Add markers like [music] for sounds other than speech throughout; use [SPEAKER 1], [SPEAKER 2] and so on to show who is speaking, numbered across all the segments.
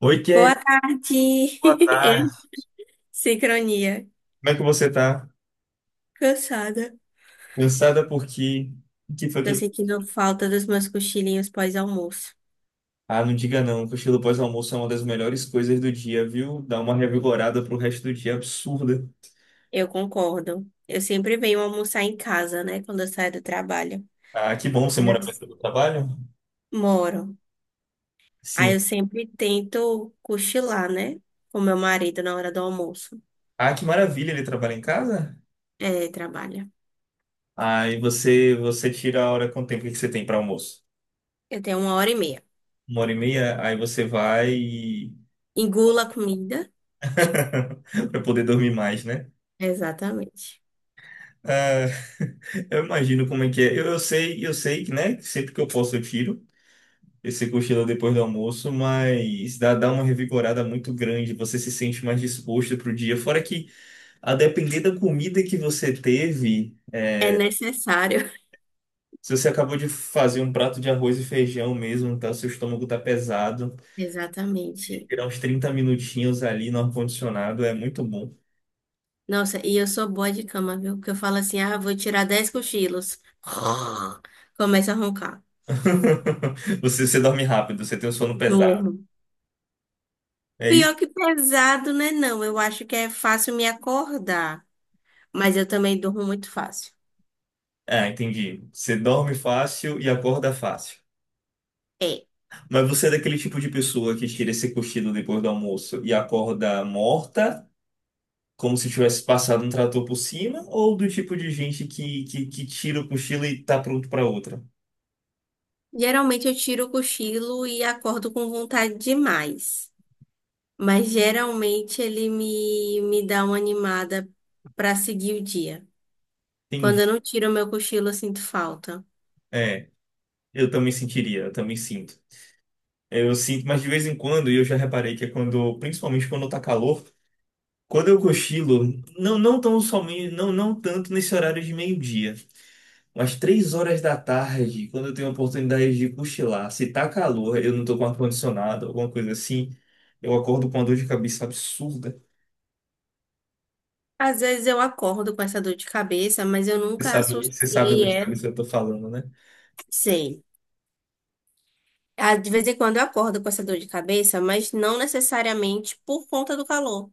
[SPEAKER 1] Oi,
[SPEAKER 2] Boa
[SPEAKER 1] Kay. Boa
[SPEAKER 2] tarde.
[SPEAKER 1] tarde.
[SPEAKER 2] [laughs] Sincronia.
[SPEAKER 1] Como é que você tá?
[SPEAKER 2] Cansada.
[SPEAKER 1] Cansada porque... O que foi
[SPEAKER 2] Tô
[SPEAKER 1] que...
[SPEAKER 2] sentindo falta dos meus cochilinhos pós-almoço.
[SPEAKER 1] Ah, não diga não. que O cochilo pós-almoço é uma das melhores coisas do dia, viu? Dá uma revigorada pro resto do dia absurda.
[SPEAKER 2] Eu concordo. Eu sempre venho almoçar em casa, né? Quando eu saio do trabalho.
[SPEAKER 1] Ah, que bom. Você mora
[SPEAKER 2] Yes.
[SPEAKER 1] perto do trabalho?
[SPEAKER 2] Moro. Aí eu
[SPEAKER 1] Sim.
[SPEAKER 2] sempre tento cochilar, né? Com meu marido na hora do almoço.
[SPEAKER 1] Ah, que maravilha. Ele trabalha em casa?
[SPEAKER 2] É, trabalha.
[SPEAKER 1] Ah, e você tira a hora com o tempo que você tem para almoço?
[SPEAKER 2] Eu tenho 1 hora e meia.
[SPEAKER 1] Uma hora e meia? Aí você vai e...
[SPEAKER 2] Engula a comida.
[SPEAKER 1] [laughs] Para poder dormir mais, né?
[SPEAKER 2] Exatamente.
[SPEAKER 1] Ah, eu imagino como é que é. Eu sei, eu sei que, né? Sempre que eu posso eu tiro esse cochilo depois do almoço, mas dá uma revigorada muito grande, você se sente mais disposto para o dia. Fora que, a depender da comida que você teve,
[SPEAKER 2] É necessário.
[SPEAKER 1] se você acabou de fazer um prato de arroz e feijão mesmo, tá, seu estômago tá pesado,
[SPEAKER 2] [laughs] Exatamente.
[SPEAKER 1] tirar uns 30 minutinhos ali no ar-condicionado é muito bom.
[SPEAKER 2] Nossa, e eu sou boa de cama, viu? Porque eu falo assim, ah, vou tirar 10 cochilos. [laughs] Começa a roncar.
[SPEAKER 1] [laughs] Você dorme rápido, você tem o sono pesado.
[SPEAKER 2] Durmo.
[SPEAKER 1] É
[SPEAKER 2] Pior
[SPEAKER 1] isso?
[SPEAKER 2] que pesado, né? Não, eu acho que é fácil me acordar. Mas eu também durmo muito fácil.
[SPEAKER 1] Ah, entendi. Você dorme fácil e acorda fácil.
[SPEAKER 2] É.
[SPEAKER 1] Mas você é daquele tipo de pessoa que tira esse cochilo depois do almoço e acorda morta, como se tivesse passado um trator por cima, ou do tipo de gente que tira o cochilo e tá pronto pra outra?
[SPEAKER 2] Geralmente eu tiro o cochilo e acordo com vontade demais. Mas geralmente ele me dá uma animada pra seguir o dia. Quando
[SPEAKER 1] Entendi.
[SPEAKER 2] eu não tiro o meu cochilo, eu sinto falta.
[SPEAKER 1] É, eu também sentiria, eu também sinto. Eu sinto, mas de vez em quando, e eu já reparei que é quando, principalmente quando tá calor, quando eu cochilo, não, não tão somente, não, não tanto nesse horário de meio-dia. Umas 3 horas da tarde, quando eu tenho a oportunidade de cochilar, se tá calor, eu não tô com ar-condicionado, alguma coisa assim, eu acordo com uma dor de cabeça absurda.
[SPEAKER 2] Às vezes eu acordo com essa dor de cabeça, mas eu nunca
[SPEAKER 1] Você sabe a
[SPEAKER 2] associei
[SPEAKER 1] dor de cabeça que
[SPEAKER 2] ela.
[SPEAKER 1] eu tô falando, né?
[SPEAKER 2] Sei. Ah, de vez em quando eu acordo com essa dor de cabeça, mas não necessariamente por conta do calor.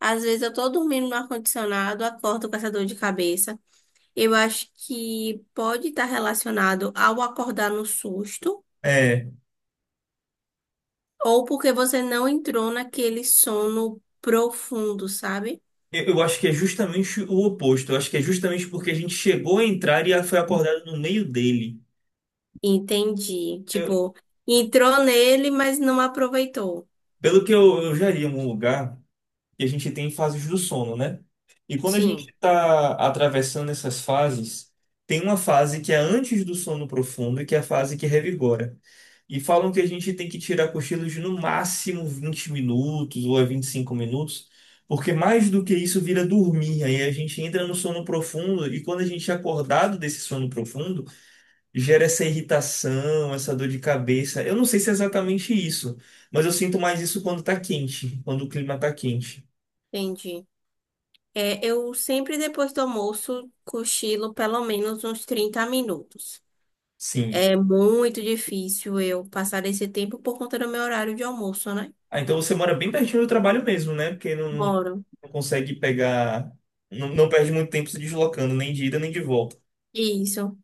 [SPEAKER 2] Às vezes eu tô dormindo no ar-condicionado, acordo com essa dor de cabeça. Eu acho que pode estar relacionado ao acordar no susto,
[SPEAKER 1] É,
[SPEAKER 2] ou porque você não entrou naquele sono profundo, sabe?
[SPEAKER 1] eu acho que é justamente o oposto. Eu acho que é justamente porque a gente chegou a entrar e foi acordado no meio dele.
[SPEAKER 2] Entendi.
[SPEAKER 1] Eu-
[SPEAKER 2] Tipo, entrou nele, mas não aproveitou.
[SPEAKER 1] Pelo que eu já li em algum lugar, e a gente tem fases do sono, né? E quando a gente
[SPEAKER 2] Sim,
[SPEAKER 1] está atravessando essas fases, tem uma fase que é antes do sono profundo, que é a fase que revigora. E falam que a gente tem que tirar cochilos de no máximo 20 minutos ou é 25 minutos, porque mais do que isso vira dormir. Aí a gente entra no sono profundo e quando a gente é acordado desse sono profundo, gera essa irritação, essa dor de cabeça. Eu não sei se é exatamente isso, mas eu sinto mais isso quando tá quente, quando o clima tá quente.
[SPEAKER 2] entendi. É, eu sempre depois do almoço cochilo pelo menos uns 30 minutos.
[SPEAKER 1] Sim.
[SPEAKER 2] É muito difícil eu passar esse tempo por conta do meu horário de almoço, né?
[SPEAKER 1] Ah, então você mora bem pertinho do trabalho mesmo, né? Porque não,
[SPEAKER 2] Moro.
[SPEAKER 1] não consegue pegar. Não, não perde muito tempo se deslocando, nem de ida nem de volta.
[SPEAKER 2] Isso.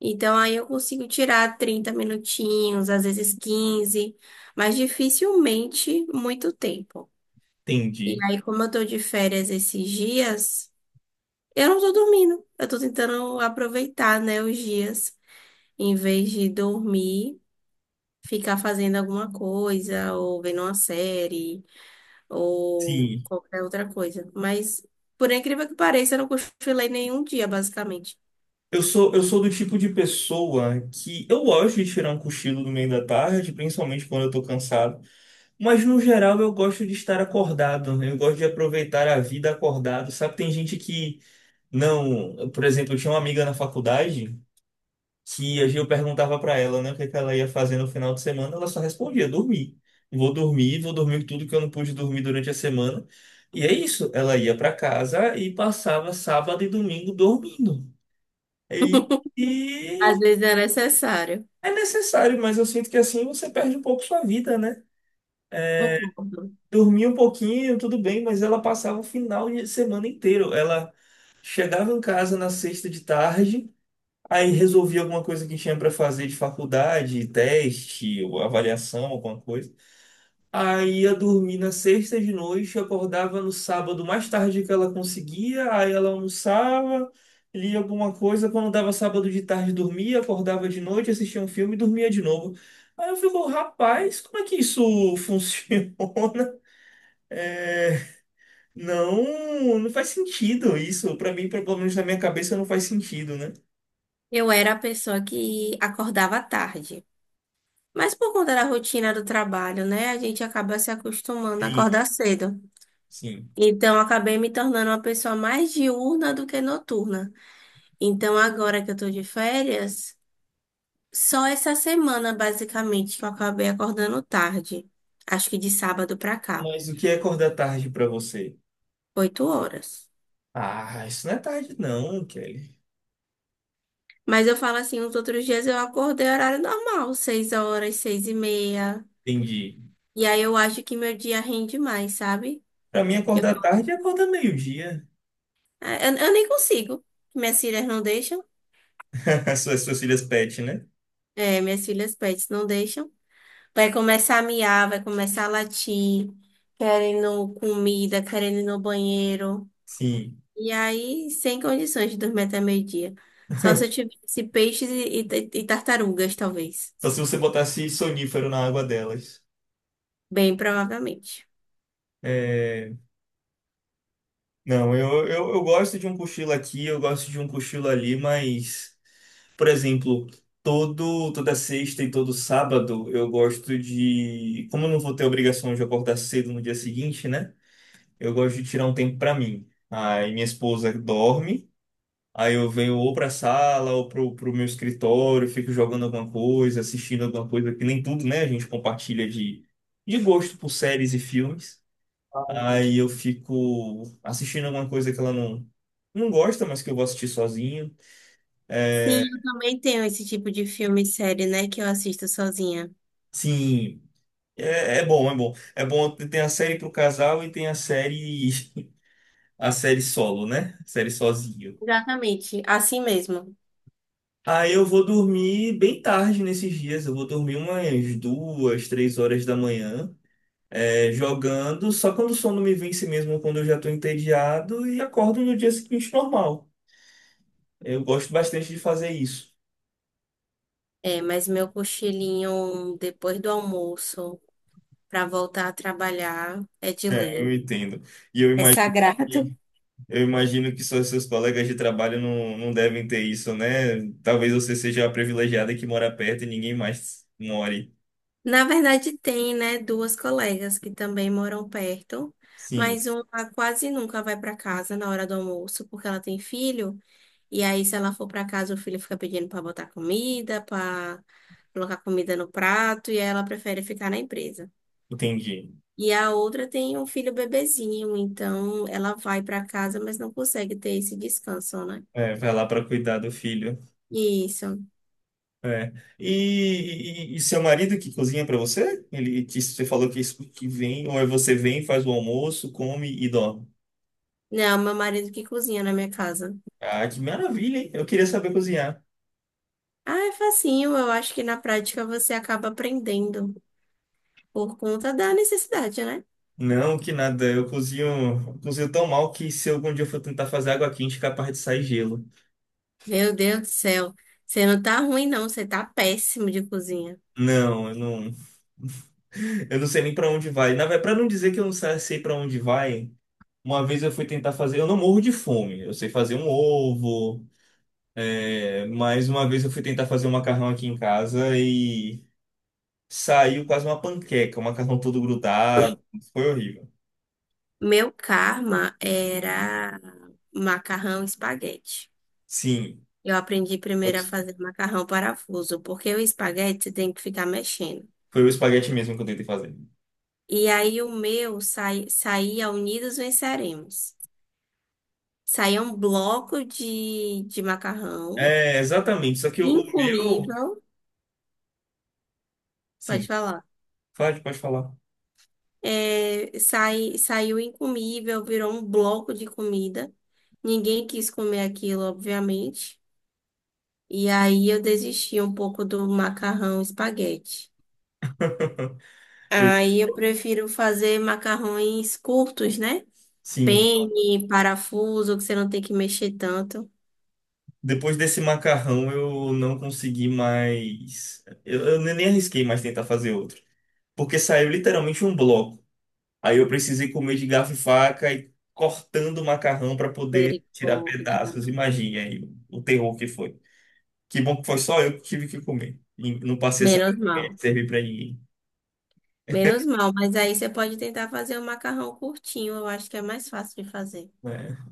[SPEAKER 2] Então aí eu consigo tirar 30 minutinhos, às vezes 15, mas dificilmente muito tempo. E
[SPEAKER 1] Entendi.
[SPEAKER 2] aí, como eu tô de férias esses dias, eu não tô dormindo. Eu tô tentando aproveitar, né, os dias em vez de dormir, ficar fazendo alguma coisa, ou vendo uma série, ou
[SPEAKER 1] Sim.
[SPEAKER 2] qualquer outra coisa. Mas, por incrível que pareça, eu não cochilei nenhum dia, basicamente.
[SPEAKER 1] Eu sou do tipo de pessoa que eu gosto de tirar um cochilo no meio da tarde, principalmente quando eu tô cansado. Mas no geral eu gosto de estar acordado, né? Eu gosto de aproveitar a vida acordado. Sabe, tem gente que não. Por exemplo, eu tinha uma amiga na faculdade que a Gil perguntava pra ela, né, o que que ela ia fazer no final de semana, ela só respondia: dormir. Vou dormir, vou dormir tudo que eu não pude dormir durante a semana. E é isso, ela ia pra casa e passava sábado e domingo dormindo. E,
[SPEAKER 2] [laughs]
[SPEAKER 1] e
[SPEAKER 2] Às
[SPEAKER 1] eu-
[SPEAKER 2] vezes é necessário.
[SPEAKER 1] é necessário, mas eu sinto que assim você perde um pouco sua vida, né?
[SPEAKER 2] Concordo.
[SPEAKER 1] Dormia um pouquinho, tudo bem, mas ela passava o final de semana inteiro. Ela chegava em casa na sexta de tarde, aí resolvi alguma coisa que tinha para fazer de faculdade, teste, ou avaliação, alguma coisa. Aí ia dormir na sexta de noite, acordava no sábado mais tarde que ela conseguia, aí ela almoçava, lia alguma coisa, quando dava sábado de tarde dormia, acordava de noite, assistia um filme e dormia de novo. Aí eu fico, rapaz, como é que isso [laughs] funciona? É, não, não faz sentido isso. Para mim, pelo menos na minha cabeça, não faz sentido, né?
[SPEAKER 2] Eu era a pessoa que acordava tarde. Mas por conta da rotina do trabalho, né? A gente acaba se acostumando a
[SPEAKER 1] Sim.
[SPEAKER 2] acordar cedo.
[SPEAKER 1] Sim.
[SPEAKER 2] Então, eu acabei me tornando uma pessoa mais diurna do que noturna. Então, agora que eu tô de férias, só essa semana, basicamente, que eu acabei acordando tarde. Acho que de sábado pra cá,
[SPEAKER 1] Mas o que é acordar tarde pra você?
[SPEAKER 2] 8 horas.
[SPEAKER 1] Ah, isso não é tarde não, Kelly.
[SPEAKER 2] Mas eu falo assim, os outros dias eu acordei horário normal, 6 horas, 6h30.
[SPEAKER 1] Entendi.
[SPEAKER 2] E aí eu acho que meu dia rende mais, sabe?
[SPEAKER 1] Pra mim,
[SPEAKER 2] Eu,
[SPEAKER 1] acordar tarde é acordar meio-dia.
[SPEAKER 2] é, eu nem consigo. Minhas filhas não deixam.
[SPEAKER 1] [laughs] As suas filhas pet, né?
[SPEAKER 2] É, minhas filhas pets não deixam. Vai começar a miar, vai começar a latir, querendo comida, querendo ir no banheiro.
[SPEAKER 1] Sim.
[SPEAKER 2] E aí, sem condições de dormir até meio-dia. Só se eu tivesse peixes e tartarugas, talvez.
[SPEAKER 1] Só se você botasse sonífero na água delas.
[SPEAKER 2] Bem provavelmente.
[SPEAKER 1] É... Não, eu gosto de um cochilo aqui, eu gosto de um cochilo ali, mas... Por exemplo, todo, toda sexta e todo sábado eu gosto de. Como eu não vou ter obrigação de acordar cedo no dia seguinte, né? Eu gosto de tirar um tempo pra mim. Aí minha esposa dorme, aí eu venho ou pra sala ou pro, pro meu escritório, fico jogando alguma coisa, assistindo alguma coisa, que nem tudo, né? A gente compartilha de gosto por séries e filmes. Aí eu fico assistindo alguma coisa que ela não gosta, mas que eu vou assistir sozinho.
[SPEAKER 2] Sim, eu também tenho esse tipo de filme e série, né, que eu assisto sozinha.
[SPEAKER 1] Sim, é bom, é bom. É bom ter a série pro casal e tem a série, [laughs] a série solo, né? Série sozinho.
[SPEAKER 2] Exatamente, assim mesmo.
[SPEAKER 1] Aí eu vou dormir bem tarde nesses dias. Eu vou dormir umas duas, três horas da manhã, é, jogando. Só quando o sono me vence mesmo, quando eu já estou entediado e acordo no dia seguinte normal. Eu gosto bastante de fazer isso.
[SPEAKER 2] É, mas meu cochilinho depois do almoço, pra voltar a trabalhar, é de
[SPEAKER 1] É, eu
[SPEAKER 2] lei.
[SPEAKER 1] entendo. E
[SPEAKER 2] É sagrado.
[SPEAKER 1] que, eu imagino que só seus colegas de trabalho não, não devem ter isso, né? Talvez você seja a privilegiada que mora perto e ninguém mais more.
[SPEAKER 2] Na verdade, tem, né, duas colegas que também moram perto,
[SPEAKER 1] Sim,
[SPEAKER 2] mas uma quase nunca vai para casa na hora do almoço, porque ela tem filho, e aí se ela for para casa, o filho fica pedindo para botar comida, para colocar comida no prato, e aí ela prefere ficar na empresa.
[SPEAKER 1] entendi.
[SPEAKER 2] E a outra tem um filho bebezinho, então ela vai para casa, mas não consegue ter esse descanso, né?
[SPEAKER 1] É, vai lá para cuidar do filho.
[SPEAKER 2] Isso.
[SPEAKER 1] É. E, e seu marido que cozinha para você? Ele que você falou que, isso- que vem, ou é você vem, faz o almoço, come e dorme.
[SPEAKER 2] Não, meu marido que cozinha na minha casa.
[SPEAKER 1] Ah, que maravilha, hein? Eu queria saber cozinhar.
[SPEAKER 2] Ah, é facinho, eu acho que na prática você acaba aprendendo. Por conta da necessidade, né?
[SPEAKER 1] Não, que nada. Eu cozinho tão mal que se algum dia eu for tentar fazer água quente, é capaz de sair gelo.
[SPEAKER 2] Meu Deus do céu. Você não tá ruim, não. Você tá péssimo de cozinha.
[SPEAKER 1] Não, eu não. [laughs] Eu não sei nem pra onde vai. Na verdade, para não dizer que eu não sei pra onde vai, uma vez eu fui tentar fazer. Eu não morro de fome. Eu sei fazer um ovo. É, mais uma vez eu fui tentar fazer um macarrão aqui em casa e saiu quase uma panqueca, o macarrão todo grudado. Foi horrível.
[SPEAKER 2] Meu karma era macarrão e espaguete.
[SPEAKER 1] Sim,
[SPEAKER 2] Eu aprendi
[SPEAKER 1] foi
[SPEAKER 2] primeiro a fazer macarrão parafuso, porque o espaguete você tem que ficar mexendo.
[SPEAKER 1] foi o espaguete mesmo que eu tentei fazer.
[SPEAKER 2] E aí o meu saía unidos venceremos. Saía um bloco de macarrão
[SPEAKER 1] É, exatamente. Só que o meu.
[SPEAKER 2] incomível. Pode
[SPEAKER 1] Sim,
[SPEAKER 2] falar.
[SPEAKER 1] pode falar.
[SPEAKER 2] É, saiu incomível, virou um bloco de comida. Ninguém quis comer aquilo, obviamente. E aí eu desisti um pouco do macarrão espaguete.
[SPEAKER 1] Eu-
[SPEAKER 2] Aí eu prefiro fazer macarrões curtos, né?
[SPEAKER 1] sim,
[SPEAKER 2] Penne, parafuso, que você não tem que mexer tanto.
[SPEAKER 1] depois desse macarrão eu não consegui mais. Eu nem arrisquei mais tentar fazer outro. Porque saiu literalmente um bloco. Aí eu precisei comer de garfo e faca e cortando o macarrão para poder tirar
[SPEAKER 2] Misericórdia.
[SPEAKER 1] pedaços. Imagine aí o terror que foi. Que bom que foi só eu que tive que comer. E não passei essa
[SPEAKER 2] Menos
[SPEAKER 1] vergonha
[SPEAKER 2] mal.
[SPEAKER 1] de servir para ninguém.
[SPEAKER 2] Menos mal, mas aí você pode tentar fazer um macarrão curtinho, eu acho que é mais fácil de fazer.
[SPEAKER 1] É.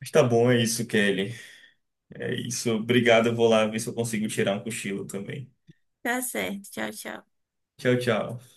[SPEAKER 1] Mas tá bom, é isso, Kelly. É isso. Obrigado. Eu vou lá ver se eu consigo tirar um cochilo também.
[SPEAKER 2] Tá certo. Tchau, tchau.
[SPEAKER 1] Tchau, tchau.